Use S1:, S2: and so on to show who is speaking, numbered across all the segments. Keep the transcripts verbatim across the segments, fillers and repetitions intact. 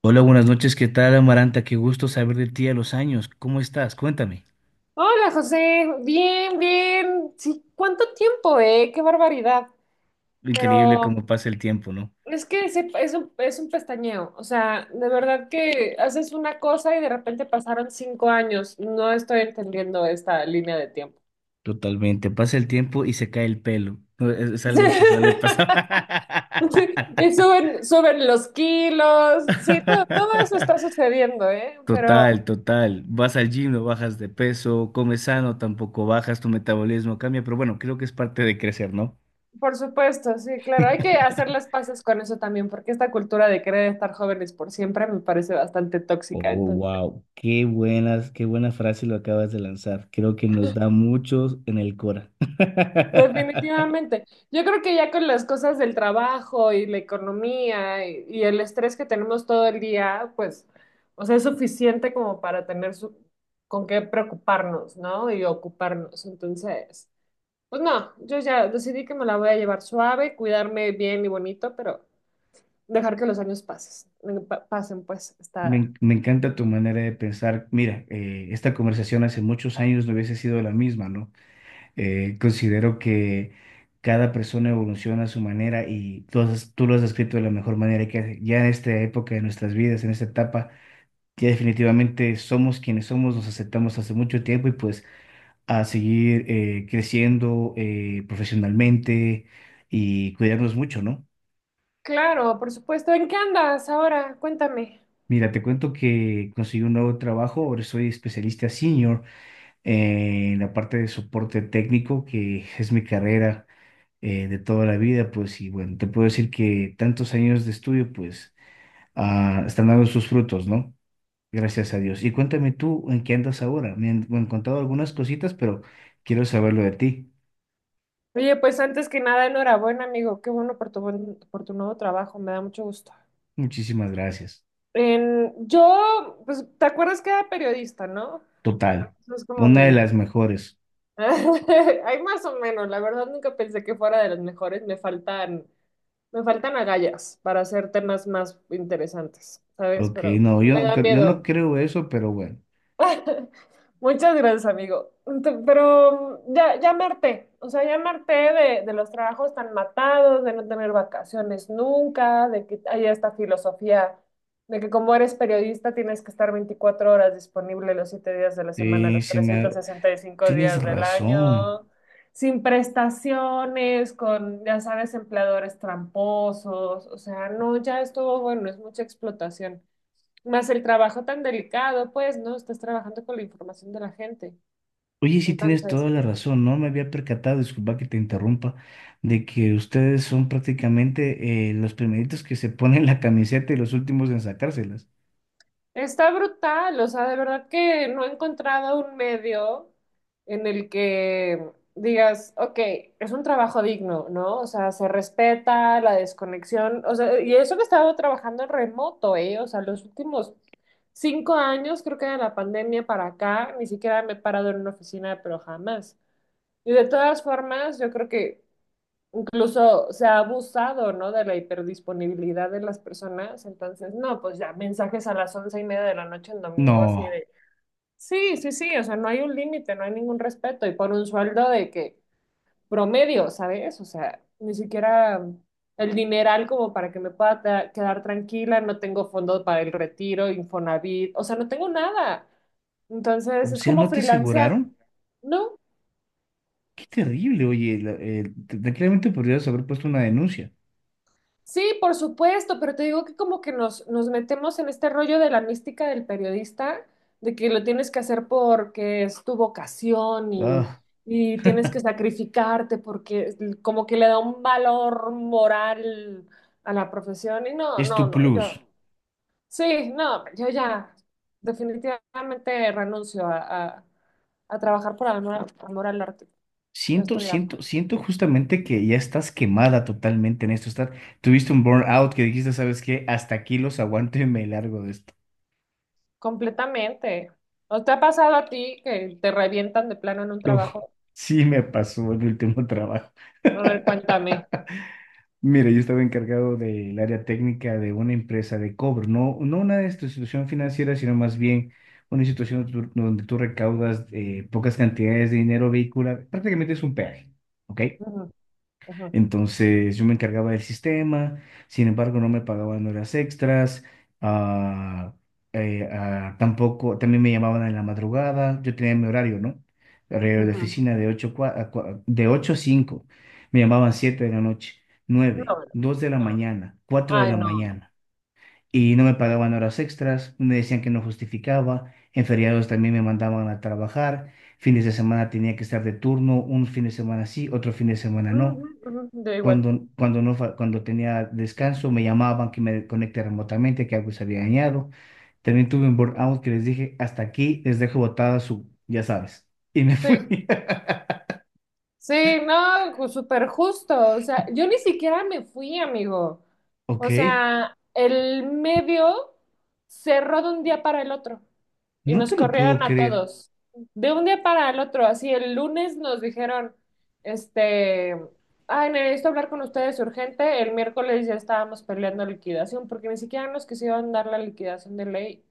S1: Hola, buenas noches. ¿Qué tal, Amaranta? Qué gusto saber de ti a los años. ¿Cómo estás? Cuéntame.
S2: Hola José, bien, bien. Sí, ¿cuánto tiempo, eh? Qué barbaridad.
S1: Increíble
S2: Pero
S1: cómo pasa el tiempo, ¿no?
S2: es que ese- es un, es un pestañeo. O sea, de verdad que haces una cosa y de repente pasaron cinco años. No estoy entendiendo esta línea de tiempo.
S1: Totalmente. Pasa el tiempo y se cae el pelo. No, Es, es algo que suele pasar.
S2: Sí, y suben, suben los kilos. Sí, todo, todo eso está sucediendo, ¿eh? Pero
S1: Total, total. Vas al gym, no bajas de peso, comes sano, tampoco bajas, tu metabolismo cambia, pero bueno, creo que es parte de crecer, ¿no?
S2: por supuesto, sí, claro, hay que hacer las paces con eso también, porque esta cultura de querer estar jóvenes por siempre me parece bastante
S1: Oh,
S2: tóxica. Entonces.
S1: wow, qué buenas, qué buena frase lo acabas de lanzar. Creo que nos da muchos en el Cora.
S2: Definitivamente. Yo creo que ya con las cosas del trabajo y la economía y, y el estrés que tenemos todo el día, pues, o sea, es suficiente como para tener su- con qué preocuparnos, ¿no? Y ocuparnos. Entonces, pues no, yo ya decidí que me la voy a llevar suave, cuidarme bien y bonito, pero dejar que los años pases, pa- pasen, pues,
S1: Me,
S2: está
S1: en- me encanta tu manera de pensar. Mira, eh, esta conversación hace muchos años no hubiese sido la misma, ¿no? Eh, considero que cada persona evoluciona a su manera y tú, has- tú lo has descrito de la mejor manera que ya en esta época de nuestras vidas, en esta etapa, ya definitivamente somos quienes somos, nos aceptamos hace mucho tiempo y pues a seguir eh, creciendo eh, profesionalmente y cuidarnos mucho, ¿no?
S2: claro, por supuesto. ¿En qué andas ahora? Cuéntame.
S1: Mira, te cuento que conseguí un nuevo trabajo, ahora soy especialista senior en la parte de soporte técnico, que es mi carrera eh, de toda la vida, pues, y bueno, te puedo decir que tantos años de estudio, pues, ah, están dando sus frutos, ¿no? Gracias a Dios. Y cuéntame tú, ¿en qué andas ahora? Me han, me han contado algunas cositas, pero quiero saberlo de ti.
S2: Oye, pues antes que nada, enhorabuena, amigo. Qué bueno por tu, buen- por tu nuevo trabajo, me da mucho gusto.
S1: Muchísimas gracias.
S2: En, yo, pues, ¿te acuerdas que era periodista, no? Bueno,
S1: Total,
S2: Eso es como
S1: una de
S2: mi...
S1: las mejores.
S2: Hay más o menos, la verdad nunca pensé que fuera de los mejores. Me faltan, me faltan agallas para hacer temas más interesantes, ¿sabes?
S1: Ok,
S2: Pero
S1: no, yo
S2: me
S1: no,
S2: da
S1: cre- yo no
S2: miedo.
S1: creo eso, pero bueno,
S2: Muchas gracias, amigo. Ent- Pero mm, ya, ya me harté, o sea, ya me harté de, de los trabajos tan matados, de no tener vacaciones nunca, de que haya esta filosofía de que como eres periodista tienes que estar veinticuatro horas disponible los siete días de la semana,
S1: sí,
S2: los
S1: se
S2: trescientos
S1: me.
S2: sesenta y cinco
S1: Tienes
S2: días del
S1: razón.
S2: año, sin prestaciones, con, ya sabes, empleadores tramposos, o sea, no, ya estuvo bueno, es mucha explotación. Más el trabajo tan delicado, pues, ¿no? Estás trabajando con la información de la gente.
S1: Oye, sí tienes
S2: Entonces,
S1: toda la razón, no me había percatado, disculpa que te interrumpa, de que ustedes son prácticamente eh, los primeritos que se ponen la camiseta y los últimos en sacárselas.
S2: está brutal. O sea, de verdad que no he encontrado un medio en el que digas, ok, es un trabajo digno, ¿no? O sea, se respeta la desconexión. O sea, y eso que he estado trabajando en remoto, ¿eh? O sea, los últimos cinco años, creo que de la pandemia para acá, ni siquiera me he parado en una oficina, pero jamás. Y de todas formas, yo creo que Incluso se ha abusado, ¿no? De la hiperdisponibilidad de las personas. Entonces, no, pues ya mensajes a las once y media de la noche en domingo, así
S1: No,
S2: de, sí, sí, sí, o sea, no hay un límite, no hay ningún respeto. Y por un sueldo de que promedio, ¿sabes? O sea, ni siquiera el dineral como para que me pueda ta- quedar tranquila, no tengo fondo para el retiro, Infonavit, o sea, no tengo nada. Entonces,
S1: o
S2: es
S1: sea,
S2: como
S1: ¿no te
S2: freelancear,
S1: aseguraron?
S2: ¿no?
S1: Qué terrible, oye, la- eh, te- tranquilamente podrías haber puesto una denuncia.
S2: Sí, por supuesto, pero te digo que como que nos, nos metemos en este rollo de la mística del periodista, de que lo tienes que hacer porque es tu vocación y,
S1: Ah,
S2: y tienes que sacrificarte porque es- como que le da un valor moral a la profesión y no,
S1: es
S2: no,
S1: tu
S2: no,
S1: plus.
S2: yo, sí, no, yo ya definitivamente renuncio a, a- a trabajar por amor, amor al arte, ya
S1: Siento,
S2: estoy harta.
S1: siento, siento justamente que ya estás quemada totalmente en esto. Estás, tuviste un burnout que dijiste, ¿sabes qué? Hasta aquí los aguanto y me largo de esto.
S2: Completamente. ¿No te ha pasado a ti que te revientan de plano en un
S1: No,
S2: trabajo?
S1: sí me pasó en mi último trabajo.
S2: A ver, cuéntame.
S1: Mira, yo estaba encargado del área técnica de una empresa de cobro, no, no una institución financiera, sino más bien una institución tu- donde tú recaudas eh, pocas cantidades de dinero vehicular. Prácticamente es un peaje, ¿ok?
S2: Ujú, ujú.
S1: Entonces yo me encargaba del sistema, sin embargo no me pagaban horas extras, ah, eh, ah, tampoco, también me llamaban en la madrugada, yo tenía mi horario, ¿no? Horario de
S2: Ajá.
S1: oficina de ocho, de ocho a cinco, me llamaban siete de la noche,
S2: No,
S1: nueve dos de la
S2: no.
S1: mañana, cuatro de
S2: Ay,
S1: la
S2: no.
S1: mañana, y no me pagaban horas extras, me decían que no justificaba, en feriados también me mandaban a trabajar, fines de semana tenía que estar de turno, un fin de semana sí, otro fin de semana
S2: Ujú,
S1: no.
S2: ujú. Yo igual.
S1: Cuando, cuando, no, fa- cuando tenía descanso, me llamaban que me conecte remotamente, que algo se había dañado. También tuve un burnout que les dije, hasta aquí les dejo botada su, ya sabes. Y me
S2: Sí.
S1: fui.
S2: Sí, no, ju- súper justo. O sea, yo ni siquiera me fui, amigo.
S1: Ok,
S2: O sea, el medio cerró de un día para el otro y
S1: no
S2: nos
S1: te lo puedo
S2: corrieron a
S1: creer.
S2: todos. De un día para el otro, así el lunes nos dijeron, este, ay, necesito hablar con ustedes urgente. El miércoles ya estábamos peleando liquidación porque ni siquiera nos quisieron dar la liquidación de ley.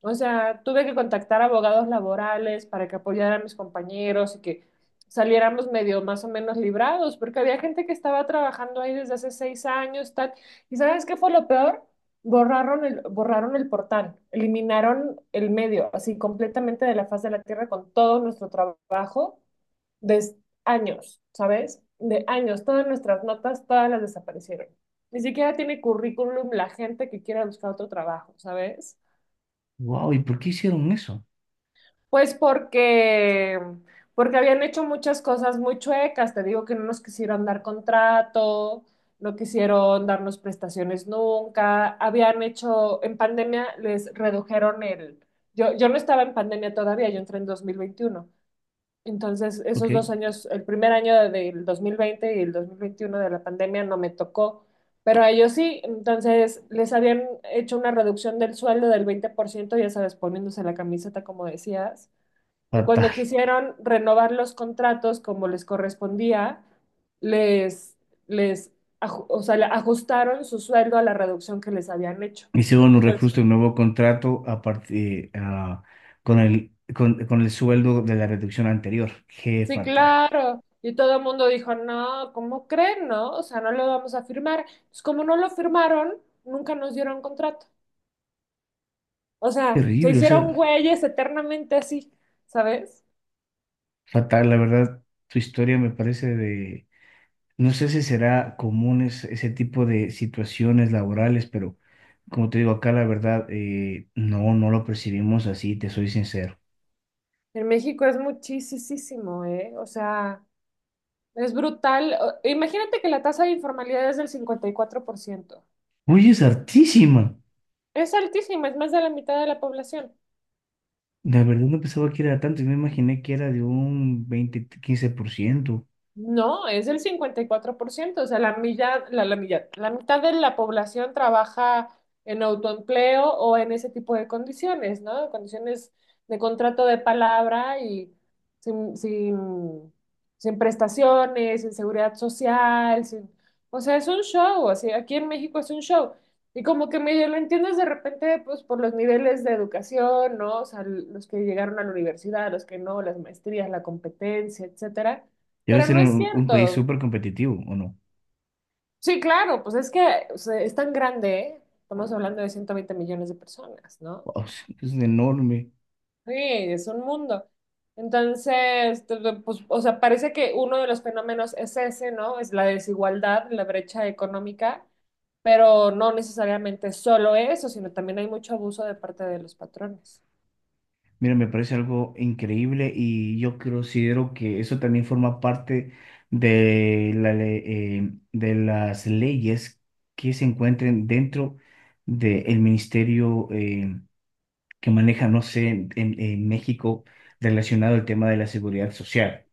S2: O sea, tuve que contactar abogados laborales para que apoyaran a mis compañeros y que saliéramos medio más o menos librados, porque había gente que estaba trabajando ahí desde hace seis años, tal. ¿Y sabes qué fue lo peor? Borraron el, borraron el portal, eliminaron el medio, así completamente de la faz de la tierra con todo nuestro trabajo de s- años, ¿sabes? De años, todas nuestras notas, todas las desaparecieron. Ni siquiera tiene currículum la gente que quiera buscar otro trabajo, ¿sabes?
S1: Wow, ¿y por qué hicieron eso?
S2: Pues porque, porque habían hecho muchas cosas muy chuecas. Te digo que no nos quisieron dar contrato, no quisieron darnos prestaciones nunca. Habían hecho, en pandemia les redujeron el... Yo, yo no estaba en pandemia todavía, yo entré en dos mil veintiuno. Entonces,
S1: Ok,
S2: esos dos años, el primer año de- del dos mil veinte y el dos mil veintiuno de la pandemia no me tocó, pero a ellos sí. Entonces, les habían hecho una reducción del sueldo del veinte por ciento, ya sabes, poniéndose la camiseta como decías. Y cuando
S1: fatal.
S2: quisieron renovar los contratos como les correspondía, les, les, aju- o sea, le ajustaron su sueldo a la reducción que les habían hecho.
S1: Hicieron un
S2: Entonces,
S1: reajuste, un nuevo contrato a partir, ah, con el, con, con el sueldo de la reducción anterior. Qué
S2: sí,
S1: fatal.
S2: claro. Y todo el mundo dijo, no, ¿cómo creen, no? O sea, no lo vamos a firmar. Pues como no lo firmaron, nunca nos dieron contrato. O sea, se
S1: Terrible, o
S2: hicieron
S1: sea,
S2: güeyes eternamente así, ¿sabes?
S1: fatal, la verdad. Tu historia me parece de. No sé si será común es- ese tipo de situaciones laborales, pero como te digo acá, la verdad, eh, no, no lo percibimos así, te soy sincero.
S2: En México es muchísimo, ¿eh? O sea... Es brutal. O- Imagínate que la tasa de informalidad es del cincuenta y cuatro por ciento.
S1: Oye, es hartísima.
S2: Es altísima, es más de la mitad de la población.
S1: La verdad no pensaba que era tanto, yo me imaginé que era de un veinte quince por ciento.
S2: No, es el cincuenta y cuatro por ciento, o sea, la milla, la, la milla- la mitad de la población trabaja en autoempleo o en ese tipo de condiciones, ¿no? Condiciones de contrato de palabra y sin, sin, sin prestaciones, sin seguridad social, sin... O sea, es un show, así, aquí en México es un show. Y como que medio lo entiendes de repente, pues por los niveles de educación, ¿no? O sea, los que llegaron a la universidad, los que no, las maestrías, la competencia, etcétera,
S1: Debe
S2: pero
S1: ser
S2: no es
S1: un, un país
S2: cierto.
S1: súper competitivo, ¿o no?
S2: Sí, claro, pues es que o sea, es tan grande, ¿eh? Estamos hablando de ciento veinte millones de personas, ¿no?
S1: Wow, es enorme.
S2: Sí, es un mundo. Entonces, t- t- pues, o sea, parece que uno de los fenómenos es ese, ¿no? Es la desigualdad, la brecha económica, pero no necesariamente solo eso, sino también hay mucho abuso de parte de los patrones.
S1: Mira, me parece algo increíble y yo considero que eso también forma parte de la le- eh, de las leyes que se encuentren dentro del ministerio eh, que maneja, no sé, en, en- México relacionado al tema de la seguridad social.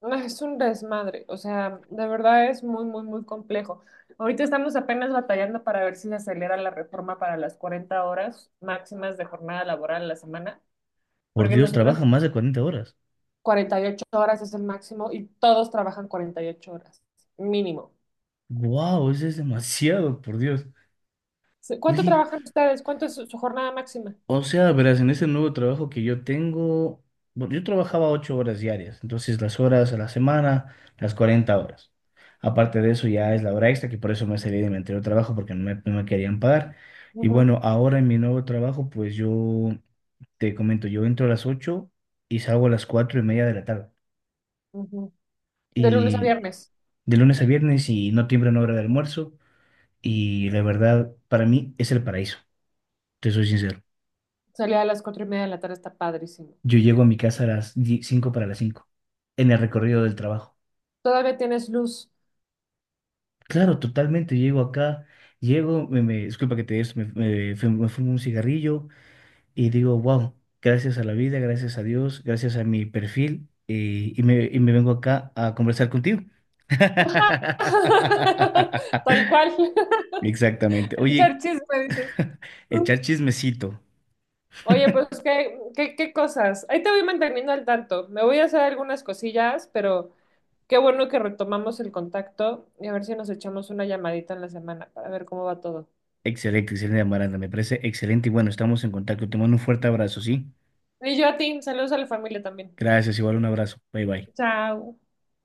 S2: No, Es un desmadre, o sea, de verdad es muy, muy, muy complejo. Ahorita estamos apenas batallando para ver si se acelera la reforma para las cuarenta horas máximas de jornada laboral a la semana,
S1: Por
S2: porque
S1: Dios,
S2: nosotros
S1: trabajan más de cuarenta horas.
S2: cuarenta y ocho horas es el máximo y todos trabajan cuarenta y ocho horas, mínimo.
S1: ¡Wow! Eso es demasiado, por Dios.
S2: Se- ¿Cuánto
S1: Oye,
S2: trabajan ustedes? ¿Cuánto es su, su jornada máxima?
S1: o sea, verás, en ese nuevo trabajo que yo tengo, bueno, yo trabajaba ocho horas diarias, entonces las horas a la semana, las cuarenta horas. Aparte de eso ya es la hora extra, que por eso me salí de mi anterior trabajo, porque no me, no me querían pagar. Y
S2: Ujú,
S1: bueno, ahora en mi nuevo trabajo, pues yo te comento, yo entro a las ocho y salgo a las cuatro y media de la tarde.
S2: ujú. De lunes a
S1: Y
S2: viernes.
S1: de lunes a viernes y no tiemblan hora de almuerzo. Y la verdad, para mí es el paraíso, te soy sincero.
S2: Salir a las cuatro y media de la tarde está padrísimo.
S1: Yo llego a mi casa a las die- cinco para las cinco en el recorrido del trabajo.
S2: Todavía tienes luz.
S1: Claro, totalmente, llego acá, llego, me, me- disculpa que te des, me, me, fu- me fumo un cigarrillo y digo, wow, gracias a la vida, gracias a Dios, gracias a mi perfil, eh, y, me, y me vengo acá a conversar contigo.
S2: Tal cual.
S1: Exactamente. Oye,
S2: Echar chisme, dices.
S1: echar chismecito.
S2: Oye, pues qué, qué, qué cosas. Ahí te voy manteniendo al tanto. Me voy a hacer algunas cosillas, pero qué bueno que retomamos el contacto y a ver si nos echamos una llamadita en la semana para ver cómo va todo.
S1: Excelente, excelente, Amaranda, me parece excelente y bueno, estamos en contacto. Te mando un fuerte abrazo, ¿sí?
S2: Y yo a ti, saludos a la familia también.
S1: Gracias, igual un abrazo. Bye bye.
S2: Chao.